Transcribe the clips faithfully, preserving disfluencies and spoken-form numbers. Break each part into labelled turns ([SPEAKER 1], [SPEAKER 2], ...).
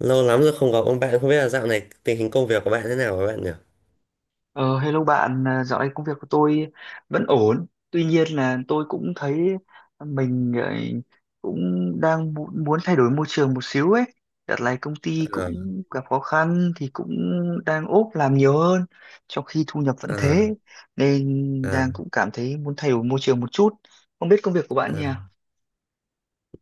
[SPEAKER 1] Lâu lắm rồi không gặp ông bạn, không biết là dạo này tình hình công việc của bạn thế nào với bạn nhỉ?
[SPEAKER 2] Ờ, hello bạn, à, dạo này công việc của tôi vẫn ổn. Tuy nhiên là tôi cũng thấy mình ờ, cũng đang mu- muốn thay đổi môi trường một xíu ấy. Đợt này công ty
[SPEAKER 1] Ờ,
[SPEAKER 2] cũng gặp khó khăn thì cũng đang ốp làm nhiều hơn, trong khi thu nhập vẫn
[SPEAKER 1] à,
[SPEAKER 2] thế. Nên
[SPEAKER 1] à,
[SPEAKER 2] đang cũng cảm thấy muốn thay đổi môi trường một chút. Không biết công việc của bạn nhỉ?
[SPEAKER 1] à.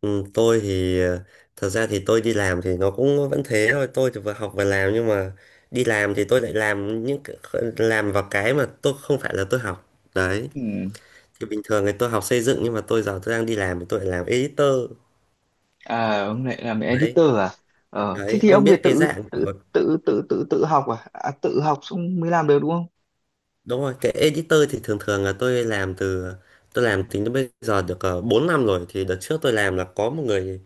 [SPEAKER 1] Ừ, tôi thì ờ, thật ra thì tôi đi làm thì nó cũng vẫn thế thôi, tôi thì vừa học vừa làm nhưng mà đi làm thì tôi lại làm những cái- làm vào cái mà tôi không phải là tôi học. Đấy,
[SPEAKER 2] Ừ.
[SPEAKER 1] thì bình thường thì tôi học xây dựng nhưng mà tôi giờ tôi đang đi làm thì tôi lại làm editor.
[SPEAKER 2] À, ông lại làm
[SPEAKER 1] Đấy,
[SPEAKER 2] editor à? Ờ, thế
[SPEAKER 1] đấy,
[SPEAKER 2] thì
[SPEAKER 1] ông
[SPEAKER 2] ông về
[SPEAKER 1] biết cái
[SPEAKER 2] tự
[SPEAKER 1] dạng
[SPEAKER 2] tự
[SPEAKER 1] của-
[SPEAKER 2] tự tự tự tự học à? À, tự học xong mới làm được đúng không?
[SPEAKER 1] đúng rồi, cái editor thì thường thường là tôi làm từ tôi làm tính đến bây giờ được uh, bốn năm rồi. Thì đợt trước tôi làm là có một người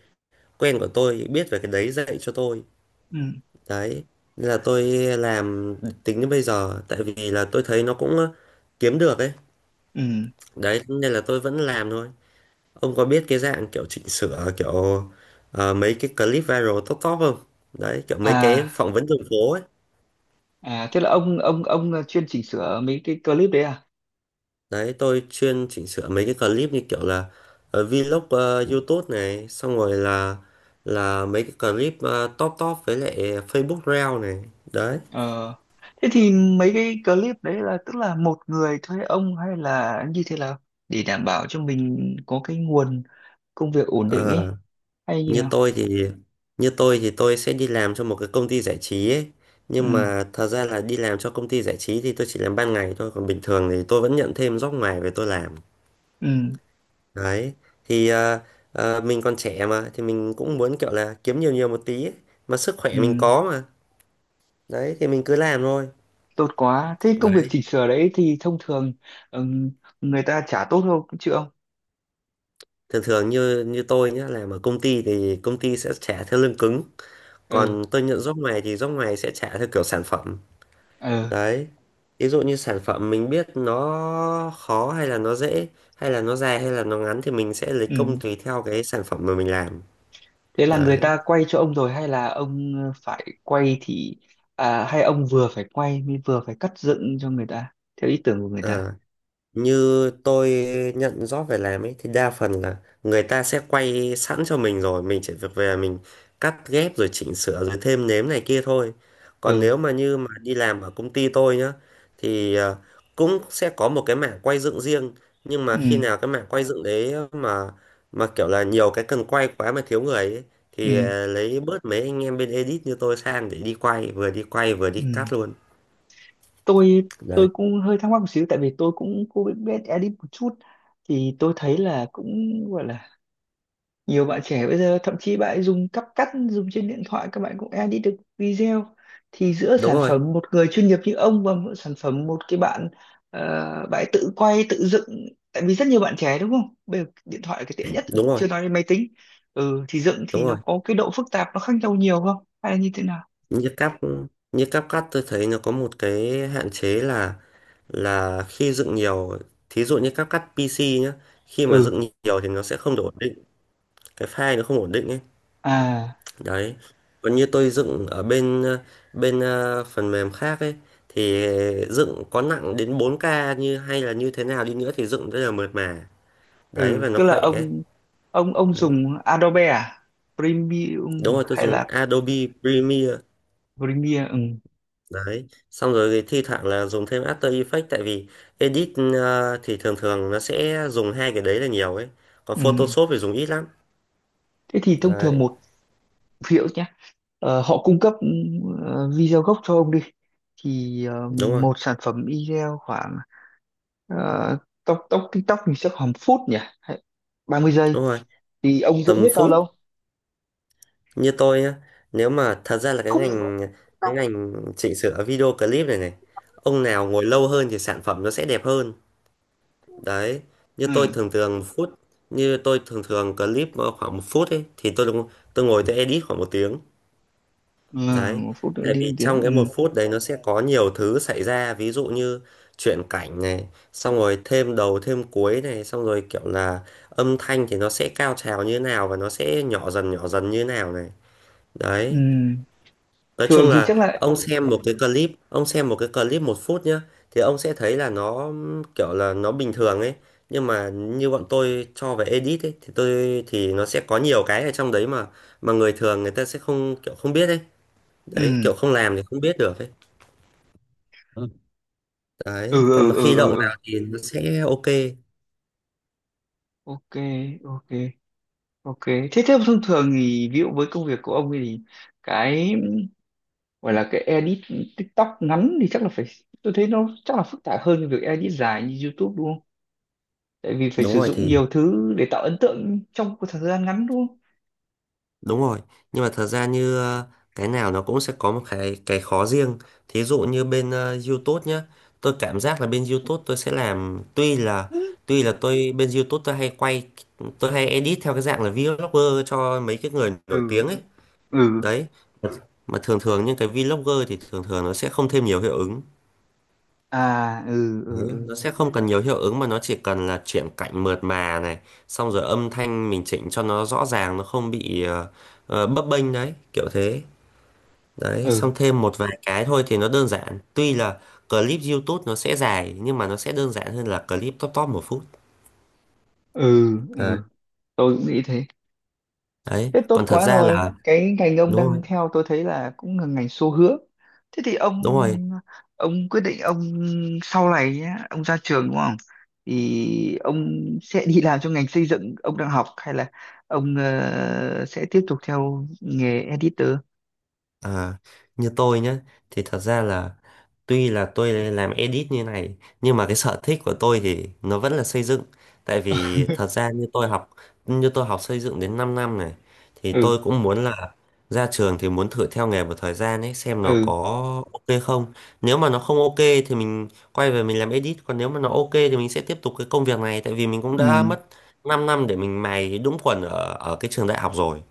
[SPEAKER 1] quen của tôi biết về cái đấy dạy cho tôi,
[SPEAKER 2] Ừ.
[SPEAKER 1] đấy nên là tôi làm tính đến bây giờ tại vì là tôi thấy nó cũng ờ, kiếm được ấy.
[SPEAKER 2] Ừ.
[SPEAKER 1] Đấy nên là tôi vẫn làm thôi. Ông có biết cái dạng kiểu chỉnh sửa kiểu ờ, mấy cái clip viral top top không? Đấy kiểu mấy cái
[SPEAKER 2] À,
[SPEAKER 1] phỏng vấn đường phố ấy.
[SPEAKER 2] à thế là ông ông ông là chuyên chỉnh sửa mấy cái clip đấy à?
[SPEAKER 1] Đấy, tôi chuyên chỉnh sửa mấy cái clip như kiểu là ờ, vlog, ờ, YouTube này, xong rồi là là mấy cái clip ờ, top top với lại Facebook Reel này. Đấy.
[SPEAKER 2] Ờ. Thế thì mấy cái clip đấy là tức là một người thuê ông hay là như thế nào để đảm bảo cho mình có cái nguồn công việc ổn định
[SPEAKER 1] Ờ.
[SPEAKER 2] ấy hay như
[SPEAKER 1] như
[SPEAKER 2] nào?
[SPEAKER 1] tôi thì như tôi thì tôi sẽ đi làm cho một cái công ty giải trí ấy, nhưng
[SPEAKER 2] Ừ,
[SPEAKER 1] mà thật ra là đi làm cho công ty giải trí thì tôi chỉ làm ban ngày thôi, còn bình thường thì tôi vẫn nhận thêm job ngoài về tôi làm.
[SPEAKER 2] ừ,
[SPEAKER 1] Đấy, thì ờ, ờ, mình còn trẻ mà thì mình cũng muốn kiểu là kiếm nhiều nhiều một tí ấy. Mà sức khỏe mình
[SPEAKER 2] ừ,
[SPEAKER 1] có mà, đấy thì mình cứ làm thôi.
[SPEAKER 2] tốt quá. Thế công việc
[SPEAKER 1] Đấy,
[SPEAKER 2] chỉnh sửa đấy thì thông thường, ừ, người ta trả tốt không chứ ông?
[SPEAKER 1] thường thường như như tôi nhá, làm ở công ty thì công ty sẽ trả theo lương cứng,
[SPEAKER 2] Ừ,
[SPEAKER 1] còn tôi nhận job ngoài thì job ngoài sẽ trả theo kiểu sản phẩm.
[SPEAKER 2] ừ,
[SPEAKER 1] Đấy, ví dụ như sản phẩm mình biết nó khó hay là nó dễ, hay là nó dài hay là nó ngắn, thì mình sẽ lấy công
[SPEAKER 2] ừ.
[SPEAKER 1] tùy theo cái sản phẩm mà mình làm.
[SPEAKER 2] Thế là người
[SPEAKER 1] Đấy.
[SPEAKER 2] ta quay cho ông rồi hay là ông ờ, phải quay thì, à, hay ông vừa phải quay mới vừa phải cắt dựng cho người ta theo ý tưởng của người ta.
[SPEAKER 1] À. Như tôi nhận job về làm ấy thì đa phần là người ta sẽ quay sẵn cho mình rồi, mình chỉ việc về mình cắt ghép rồi chỉnh sửa rồi thêm nếm này kia thôi. Còn
[SPEAKER 2] Ừ.
[SPEAKER 1] nếu mà như mà đi làm ở công ty tôi nhá, thì ờ, cũng sẽ có một cái mảng quay dựng riêng, nhưng mà
[SPEAKER 2] Ừ.
[SPEAKER 1] khi nào cái mảng quay dựng đấy mà mà kiểu là nhiều cái cần quay quá mà thiếu người ấy, thì
[SPEAKER 2] Ừ.
[SPEAKER 1] ờ, lấy bớt mấy anh em bên edit như tôi sang để đi quay, vừa đi quay vừa đi
[SPEAKER 2] Ừ.
[SPEAKER 1] cắt luôn.
[SPEAKER 2] Tôi
[SPEAKER 1] Đấy.
[SPEAKER 2] tôi cũng hơi thắc mắc một xíu tại vì tôi cũng cũng biết, biết edit một chút thì tôi thấy là cũng gọi là nhiều bạn trẻ bây giờ thậm chí bạn ấy dùng cắp cắt dùng trên điện thoại các bạn cũng edit được video thì giữa
[SPEAKER 1] Đúng
[SPEAKER 2] sản
[SPEAKER 1] rồi,
[SPEAKER 2] phẩm một người chuyên nghiệp như ông và một sản phẩm một cái bạn, ờ, bạn ấy tự quay tự dựng tại vì rất nhiều bạn trẻ đúng không bây giờ điện thoại là cái tiện nhất rồi
[SPEAKER 1] đúng rồi,
[SPEAKER 2] chưa nói đến máy tính, ừ, thì dựng thì
[SPEAKER 1] đúng
[SPEAKER 2] nó
[SPEAKER 1] rồi.
[SPEAKER 2] có cái độ phức tạp nó khác nhau nhiều không hay là như thế nào,
[SPEAKER 1] Như cáp như cáp cắt tôi thấy nó có một cái hạn chế là là khi dựng nhiều, thí dụ như cáp cắt pê xê nhá, khi mà
[SPEAKER 2] ừ,
[SPEAKER 1] dựng nhiều thì nó sẽ không được ổn định, cái file nó không ổn định ấy.
[SPEAKER 2] à,
[SPEAKER 1] Đấy, còn như tôi dựng ở bên ờ, bên ờ, phần mềm khác ấy, thì dựng có nặng đến bốn k, như hay là như thế nào đi nữa thì dựng rất là mượt mà. Đấy,
[SPEAKER 2] ừ,
[SPEAKER 1] và nó
[SPEAKER 2] tức là
[SPEAKER 1] khỏe ấy.
[SPEAKER 2] ông ông ông
[SPEAKER 1] Đấy.
[SPEAKER 2] dùng Adobe à, Premium
[SPEAKER 1] Đúng rồi, tôi
[SPEAKER 2] hay
[SPEAKER 1] dùng
[SPEAKER 2] là
[SPEAKER 1] Adobe Premiere.
[SPEAKER 2] Premiere, ừ.
[SPEAKER 1] Đấy, xong rồi thì thi thoảng là dùng thêm After Effects, tại vì edit ờ, thì thường thường nó sẽ dùng hai cái đấy là nhiều ấy. Còn
[SPEAKER 2] Ừ.
[SPEAKER 1] Photoshop thì dùng ít lắm.
[SPEAKER 2] Thế thì thông thường
[SPEAKER 1] Đấy,
[SPEAKER 2] một ví dụ nhé, ờ, họ cung cấp, ờ, video gốc cho ông đi thì, ờ,
[SPEAKER 1] đúng rồi,
[SPEAKER 2] một sản phẩm video khoảng, ờ, tóc tóc TikTok thì sẽ khoảng một phút nhỉ hay ba mươi giây
[SPEAKER 1] đúng rồi.
[SPEAKER 2] thì ông dựng
[SPEAKER 1] Tầm
[SPEAKER 2] hết bao
[SPEAKER 1] phút,
[SPEAKER 2] lâu,
[SPEAKER 1] như tôi nhá, nếu mà thật ra là cái
[SPEAKER 2] không,
[SPEAKER 1] ngành cái
[SPEAKER 2] không,
[SPEAKER 1] ngành chỉnh sửa video clip này này, ông nào ngồi lâu hơn thì sản phẩm nó sẽ đẹp hơn. Đấy, như tôi
[SPEAKER 2] ừ.
[SPEAKER 1] thường thường phút, như tôi thường thường clip khoảng một phút ấy thì tôi tôi ngồi tôi edit khoảng một tiếng.
[SPEAKER 2] Ừ,
[SPEAKER 1] Đấy,
[SPEAKER 2] một phút nữa
[SPEAKER 1] tại
[SPEAKER 2] đi một
[SPEAKER 1] vì
[SPEAKER 2] tiếng,
[SPEAKER 1] trong cái một
[SPEAKER 2] ừ.
[SPEAKER 1] phút đấy nó sẽ có nhiều thứ xảy ra, ví dụ như chuyển cảnh này, xong rồi thêm đầu thêm cuối này, xong rồi kiểu là âm thanh thì nó sẽ cao trào như nào và nó sẽ nhỏ dần nhỏ dần như nào này.
[SPEAKER 2] Ừ,
[SPEAKER 1] Đấy, nói
[SPEAKER 2] thường
[SPEAKER 1] chung
[SPEAKER 2] thì
[SPEAKER 1] là
[SPEAKER 2] chắc là,
[SPEAKER 1] ông xem một cái clip, ông xem một cái clip một phút nhá, thì ông sẽ thấy là nó kiểu là nó bình thường ấy, nhưng mà như bọn tôi cho về edit ấy thì tôi thì nó sẽ có nhiều cái ở trong đấy mà mà người thường người ta sẽ không kiểu không biết ấy. Đấy,
[SPEAKER 2] ừ,
[SPEAKER 1] kiểu không làm thì không biết được ấy. Đấy
[SPEAKER 2] ừ,
[SPEAKER 1] còn
[SPEAKER 2] ừ,
[SPEAKER 1] mà
[SPEAKER 2] ừ,
[SPEAKER 1] khi
[SPEAKER 2] ừ,
[SPEAKER 1] động
[SPEAKER 2] ừ.
[SPEAKER 1] vào thì nó sẽ ok.
[SPEAKER 2] OK, ok, ok, thế thế thông thường thì ví dụ với công việc của ông ấy thì cái gọi là cái edit TikTok ngắn thì chắc là phải tôi thấy nó chắc là phức tạp hơn cái việc edit dài như YouTube đúng không? Tại vì phải
[SPEAKER 1] Đúng
[SPEAKER 2] sử
[SPEAKER 1] rồi,
[SPEAKER 2] dụng
[SPEAKER 1] thì
[SPEAKER 2] nhiều thứ để tạo ấn tượng trong một thời gian ngắn đúng không?
[SPEAKER 1] đúng rồi, nhưng mà thật ra như ờ, cái nào nó cũng sẽ có một cái cái khó riêng. Thí dụ như bên ờ, YouTube nhá, tôi cảm giác là bên YouTube tôi sẽ làm, tuy là
[SPEAKER 2] Ừ,
[SPEAKER 1] tuy là tôi bên YouTube tôi hay quay tôi hay edit theo cái dạng là vlogger cho mấy cái người nổi
[SPEAKER 2] ừ,
[SPEAKER 1] tiếng ấy.
[SPEAKER 2] ừ.
[SPEAKER 1] Đấy, mà thường thường những cái vlogger thì thường thường nó sẽ không thêm nhiều hiệu ứng,
[SPEAKER 2] À, ừ, ừ, ừ,
[SPEAKER 1] nó sẽ không cần nhiều hiệu ứng, mà nó chỉ cần là chuyển cảnh mượt mà này, xong rồi âm thanh mình chỉnh cho nó rõ ràng, nó không bị ờ, ờ, bấp bênh. Đấy kiểu thế. Đấy, xong
[SPEAKER 2] ừ,
[SPEAKER 1] thêm một vài cái thôi thì nó đơn giản, tuy là clip YouTube nó sẽ dài nhưng mà nó sẽ đơn giản hơn là clip top top một phút.
[SPEAKER 2] ừ,
[SPEAKER 1] Đấy.
[SPEAKER 2] ừ. Tôi cũng nghĩ thế.
[SPEAKER 1] Đấy.
[SPEAKER 2] Thế tốt
[SPEAKER 1] Còn thật
[SPEAKER 2] quá
[SPEAKER 1] ra
[SPEAKER 2] rồi.
[SPEAKER 1] là
[SPEAKER 2] Cái ngành ông
[SPEAKER 1] đúng
[SPEAKER 2] đang
[SPEAKER 1] rồi,
[SPEAKER 2] theo tôi thấy là cũng là ngành xu hướng. Thế thì ông
[SPEAKER 1] đúng rồi.
[SPEAKER 2] ông quyết định ông sau này nhé, ông ra trường đúng không? Thì ông sẽ đi làm trong ngành xây dựng ông đang học hay là ông, ờ, sẽ tiếp tục theo nghề editor?
[SPEAKER 1] À, như tôi nhé, thì thật ra là tuy là tôi làm edit như này nhưng mà cái sở thích của tôi thì nó vẫn là xây dựng. Tại vì thật ra như tôi học như tôi học xây dựng đến 5 năm này, thì
[SPEAKER 2] Ừ,
[SPEAKER 1] tôi cũng muốn là ra trường thì muốn thử theo nghề một thời gian ấy xem nó có
[SPEAKER 2] ừ,
[SPEAKER 1] ok không. Nếu mà nó không ok thì mình quay về mình làm edit, còn nếu mà nó ok thì mình sẽ tiếp tục cái công việc này, tại vì mình cũng đã
[SPEAKER 2] ừ,
[SPEAKER 1] mất 5 năm để mình mài đúng quần ở ở cái trường đại học rồi.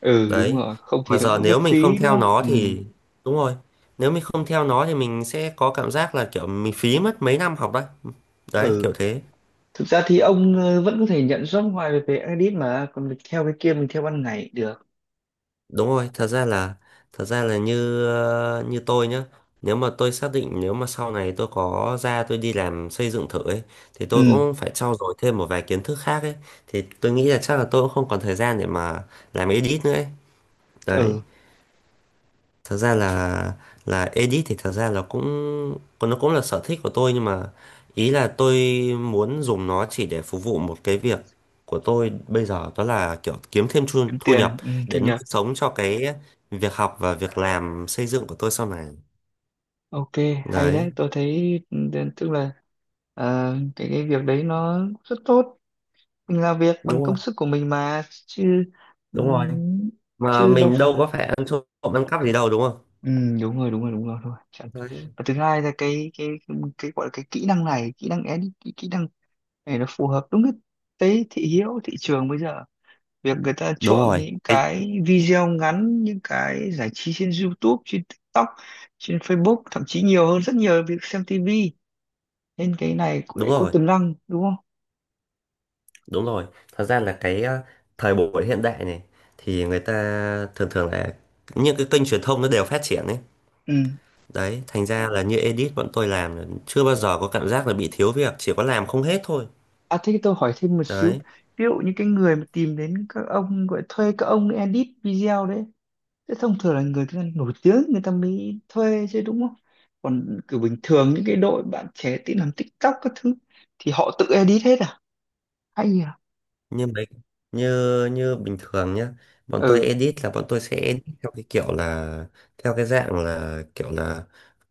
[SPEAKER 2] ừ, đúng
[SPEAKER 1] Đấy
[SPEAKER 2] rồi, không thì
[SPEAKER 1] mà
[SPEAKER 2] nó
[SPEAKER 1] giờ
[SPEAKER 2] cũng rất
[SPEAKER 1] nếu mình không
[SPEAKER 2] phí đúng
[SPEAKER 1] theo
[SPEAKER 2] không?
[SPEAKER 1] nó
[SPEAKER 2] Ừ,
[SPEAKER 1] thì đúng rồi, nếu mình không theo nó thì mình sẽ có cảm giác là kiểu mình phí mất mấy năm học đấy. Đấy
[SPEAKER 2] ừ.
[SPEAKER 1] kiểu thế.
[SPEAKER 2] Thực ra thì ông, ờ, vẫn có thể nhận job ngoài về, về edit mà còn theo cái kia mình theo ban ngày được.
[SPEAKER 1] Đúng rồi. Thật ra là thật ra là như ờ, như tôi nhá, nếu mà tôi xác định nếu mà sau này tôi có ra tôi đi làm xây dựng thử ấy, thì tôi
[SPEAKER 2] Ừ,
[SPEAKER 1] cũng phải trau dồi thêm một vài kiến thức khác ấy, thì tôi nghĩ là chắc là tôi cũng không còn thời gian để mà làm edit nữa ấy. Đấy,
[SPEAKER 2] ừ.
[SPEAKER 1] thật ra là là edit thì thật ra là cũng còn nó cũng là sở thích của tôi, nhưng mà ý là tôi muốn dùng nó chỉ để phục vụ một cái việc của tôi bây giờ, đó là kiểu kiếm thêm thu,
[SPEAKER 2] Kiếm
[SPEAKER 1] thu nhập
[SPEAKER 2] tiền, ừ, thu
[SPEAKER 1] để nuôi
[SPEAKER 2] nhập.
[SPEAKER 1] sống cho cái việc học và việc làm xây dựng của tôi sau này.
[SPEAKER 2] OK, hay
[SPEAKER 1] Đấy,
[SPEAKER 2] đấy tôi thấy, ừ, tức là, ờ, cái cái việc đấy nó rất tốt, mình làm việc bằng
[SPEAKER 1] đúng
[SPEAKER 2] công
[SPEAKER 1] rồi,
[SPEAKER 2] sức của mình mà chứ, ừ,
[SPEAKER 1] đúng rồi, mà
[SPEAKER 2] chứ đâu
[SPEAKER 1] mình
[SPEAKER 2] phải
[SPEAKER 1] đâu
[SPEAKER 2] là,
[SPEAKER 1] có phải ăn trộm ăn cắp gì đâu, đúng không?
[SPEAKER 2] ừ, đúng rồi, đúng rồi, đúng rồi, thôi chẳng.
[SPEAKER 1] Đấy,
[SPEAKER 2] Và thứ hai là cái cái cái gọi là cái kỹ năng này, kỹ năng edit, kỹ kỹ năng này nó phù hợp đúng cái cái thị hiếu thị trường bây giờ việc người ta
[SPEAKER 1] đúng
[SPEAKER 2] chuộng
[SPEAKER 1] rồi.
[SPEAKER 2] những
[SPEAKER 1] Cái-
[SPEAKER 2] cái video ngắn những cái giải trí trên YouTube trên TikTok trên Facebook thậm chí nhiều hơn rất nhiều việc xem tê vê nên cái này cũng
[SPEAKER 1] đúng
[SPEAKER 2] lại có
[SPEAKER 1] rồi.
[SPEAKER 2] tiềm năng đúng không,
[SPEAKER 1] Đúng rồi, thật ra là cái ờ, thời buổi hiện đại này thì người ta thường thường là những cái kênh truyền thông nó đều phát triển ấy.
[SPEAKER 2] ừ.
[SPEAKER 1] Đấy, thành ra là như edit bọn tôi làm là chưa bao giờ có cảm giác là bị thiếu việc, chỉ có làm không hết thôi.
[SPEAKER 2] À, thế tôi hỏi thêm một xíu,
[SPEAKER 1] Đấy.
[SPEAKER 2] ví dụ như cái người mà tìm đến các ông gọi thuê các ông edit video đấy thế thông thường là người ta nổi tiếng người ta mới thuê chứ đúng không, còn kiểu bình thường những cái đội bạn trẻ tí làm TikTok các thứ thì họ tự edit hết à, hay à,
[SPEAKER 1] Như mấy như như bình thường nhá, bọn tôi
[SPEAKER 2] ừ,
[SPEAKER 1] edit là bọn tôi sẽ edit theo cái kiểu là theo cái dạng là kiểu là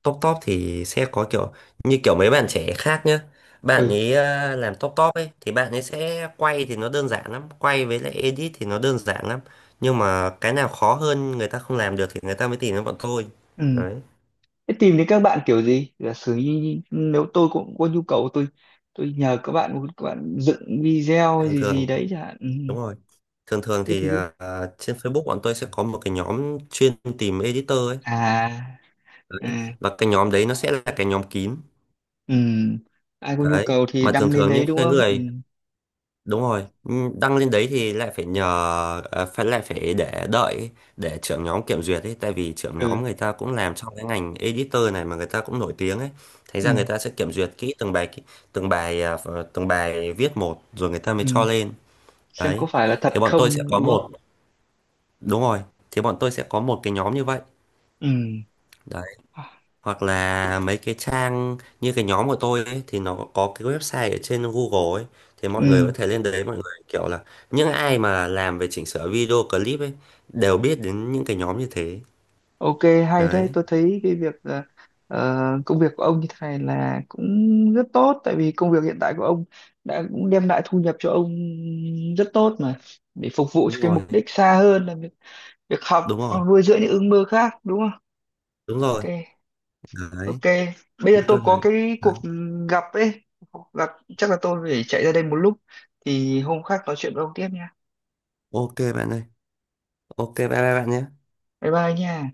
[SPEAKER 1] top top thì sẽ có kiểu như kiểu mấy bạn trẻ khác nhá, bạn
[SPEAKER 2] ừ,
[SPEAKER 1] ấy ờ, làm top top ấy thì bạn ấy sẽ quay thì nó đơn giản lắm, quay với lại edit thì nó đơn giản lắm, nhưng mà cái nào khó hơn người ta không làm được thì người ta mới tìm đến bọn tôi.
[SPEAKER 2] ừ.
[SPEAKER 1] Đấy,
[SPEAKER 2] Thế tìm đến các bạn kiểu gì? Giả sử như nếu tôi cũng có nhu cầu tôi tôi nhờ các bạn các bạn dựng video hay
[SPEAKER 1] thường
[SPEAKER 2] gì gì
[SPEAKER 1] thường
[SPEAKER 2] đấy chẳng hạn. Ừ.
[SPEAKER 1] đúng rồi, thường thường
[SPEAKER 2] Thế
[SPEAKER 1] thì
[SPEAKER 2] thì cứ,
[SPEAKER 1] ờ, trên Facebook bọn tôi sẽ có một cái nhóm chuyên tìm editor ấy.
[SPEAKER 2] à,
[SPEAKER 1] Đấy.
[SPEAKER 2] à,
[SPEAKER 1] Và cái nhóm đấy nó sẽ là cái nhóm kín.
[SPEAKER 2] ừ. Ai có nhu
[SPEAKER 1] Đấy,
[SPEAKER 2] cầu thì
[SPEAKER 1] mà thường
[SPEAKER 2] đăng lên
[SPEAKER 1] thường
[SPEAKER 2] đấy
[SPEAKER 1] những
[SPEAKER 2] đúng
[SPEAKER 1] cái
[SPEAKER 2] không? Ừ.
[SPEAKER 1] người đúng rồi, ừ, đăng lên đấy thì lại phải nhờ à, phải lại phải để đợi ấy, để trưởng nhóm kiểm duyệt ấy, tại vì trưởng
[SPEAKER 2] Ừ.
[SPEAKER 1] nhóm người ta cũng làm trong cái ngành editor này mà người ta cũng nổi tiếng ấy, thành ra
[SPEAKER 2] Ừ.
[SPEAKER 1] người ta sẽ kiểm duyệt kỹ từng bài từng bài à, ph- từng bài viết một rồi người ta mới
[SPEAKER 2] Ừ.
[SPEAKER 1] cho lên.
[SPEAKER 2] Xem có
[SPEAKER 1] Đấy
[SPEAKER 2] phải là
[SPEAKER 1] thì
[SPEAKER 2] thật
[SPEAKER 1] bọn tôi sẽ
[SPEAKER 2] không
[SPEAKER 1] có
[SPEAKER 2] đúng không?
[SPEAKER 1] một đúng rồi, thì bọn tôi sẽ có một cái nhóm như vậy,
[SPEAKER 2] Ừ.
[SPEAKER 1] hoặc là mấy cái trang như cái nhóm của tôi ấy, thì nó có cái website ở trên Google ấy, thì mọi người
[SPEAKER 2] Ừ.
[SPEAKER 1] có thể lên đấy mọi người kiểu là những ai mà làm về chỉnh sửa video clip ấy đều biết đến những cái nhóm như thế.
[SPEAKER 2] OK, hay đấy
[SPEAKER 1] Đấy,
[SPEAKER 2] tôi thấy cái việc, ờ, ờ, công việc của ông như thế này là cũng rất tốt tại vì công việc hiện tại của ông đã cũng đem lại thu nhập cho ông rất tốt mà để phục vụ cho
[SPEAKER 1] đúng
[SPEAKER 2] cái
[SPEAKER 1] rồi,
[SPEAKER 2] mục đích xa hơn là việc, việc học
[SPEAKER 1] đúng rồi,
[SPEAKER 2] hoặc nuôi dưỡng những ước mơ khác đúng không?
[SPEAKER 1] đúng rồi.
[SPEAKER 2] OK, ok,
[SPEAKER 1] Đấy,
[SPEAKER 2] bây giờ
[SPEAKER 1] như
[SPEAKER 2] tôi
[SPEAKER 1] tôi
[SPEAKER 2] có
[SPEAKER 1] này.
[SPEAKER 2] cái
[SPEAKER 1] Đấy.
[SPEAKER 2] cuộc gặp ấy, cuộc gặp chắc là tôi phải chạy ra đây một lúc thì hôm khác nói chuyện với ông tiếp nha,
[SPEAKER 1] Ok bạn ơi, ok bye bye bạn nhé.
[SPEAKER 2] bye bye nha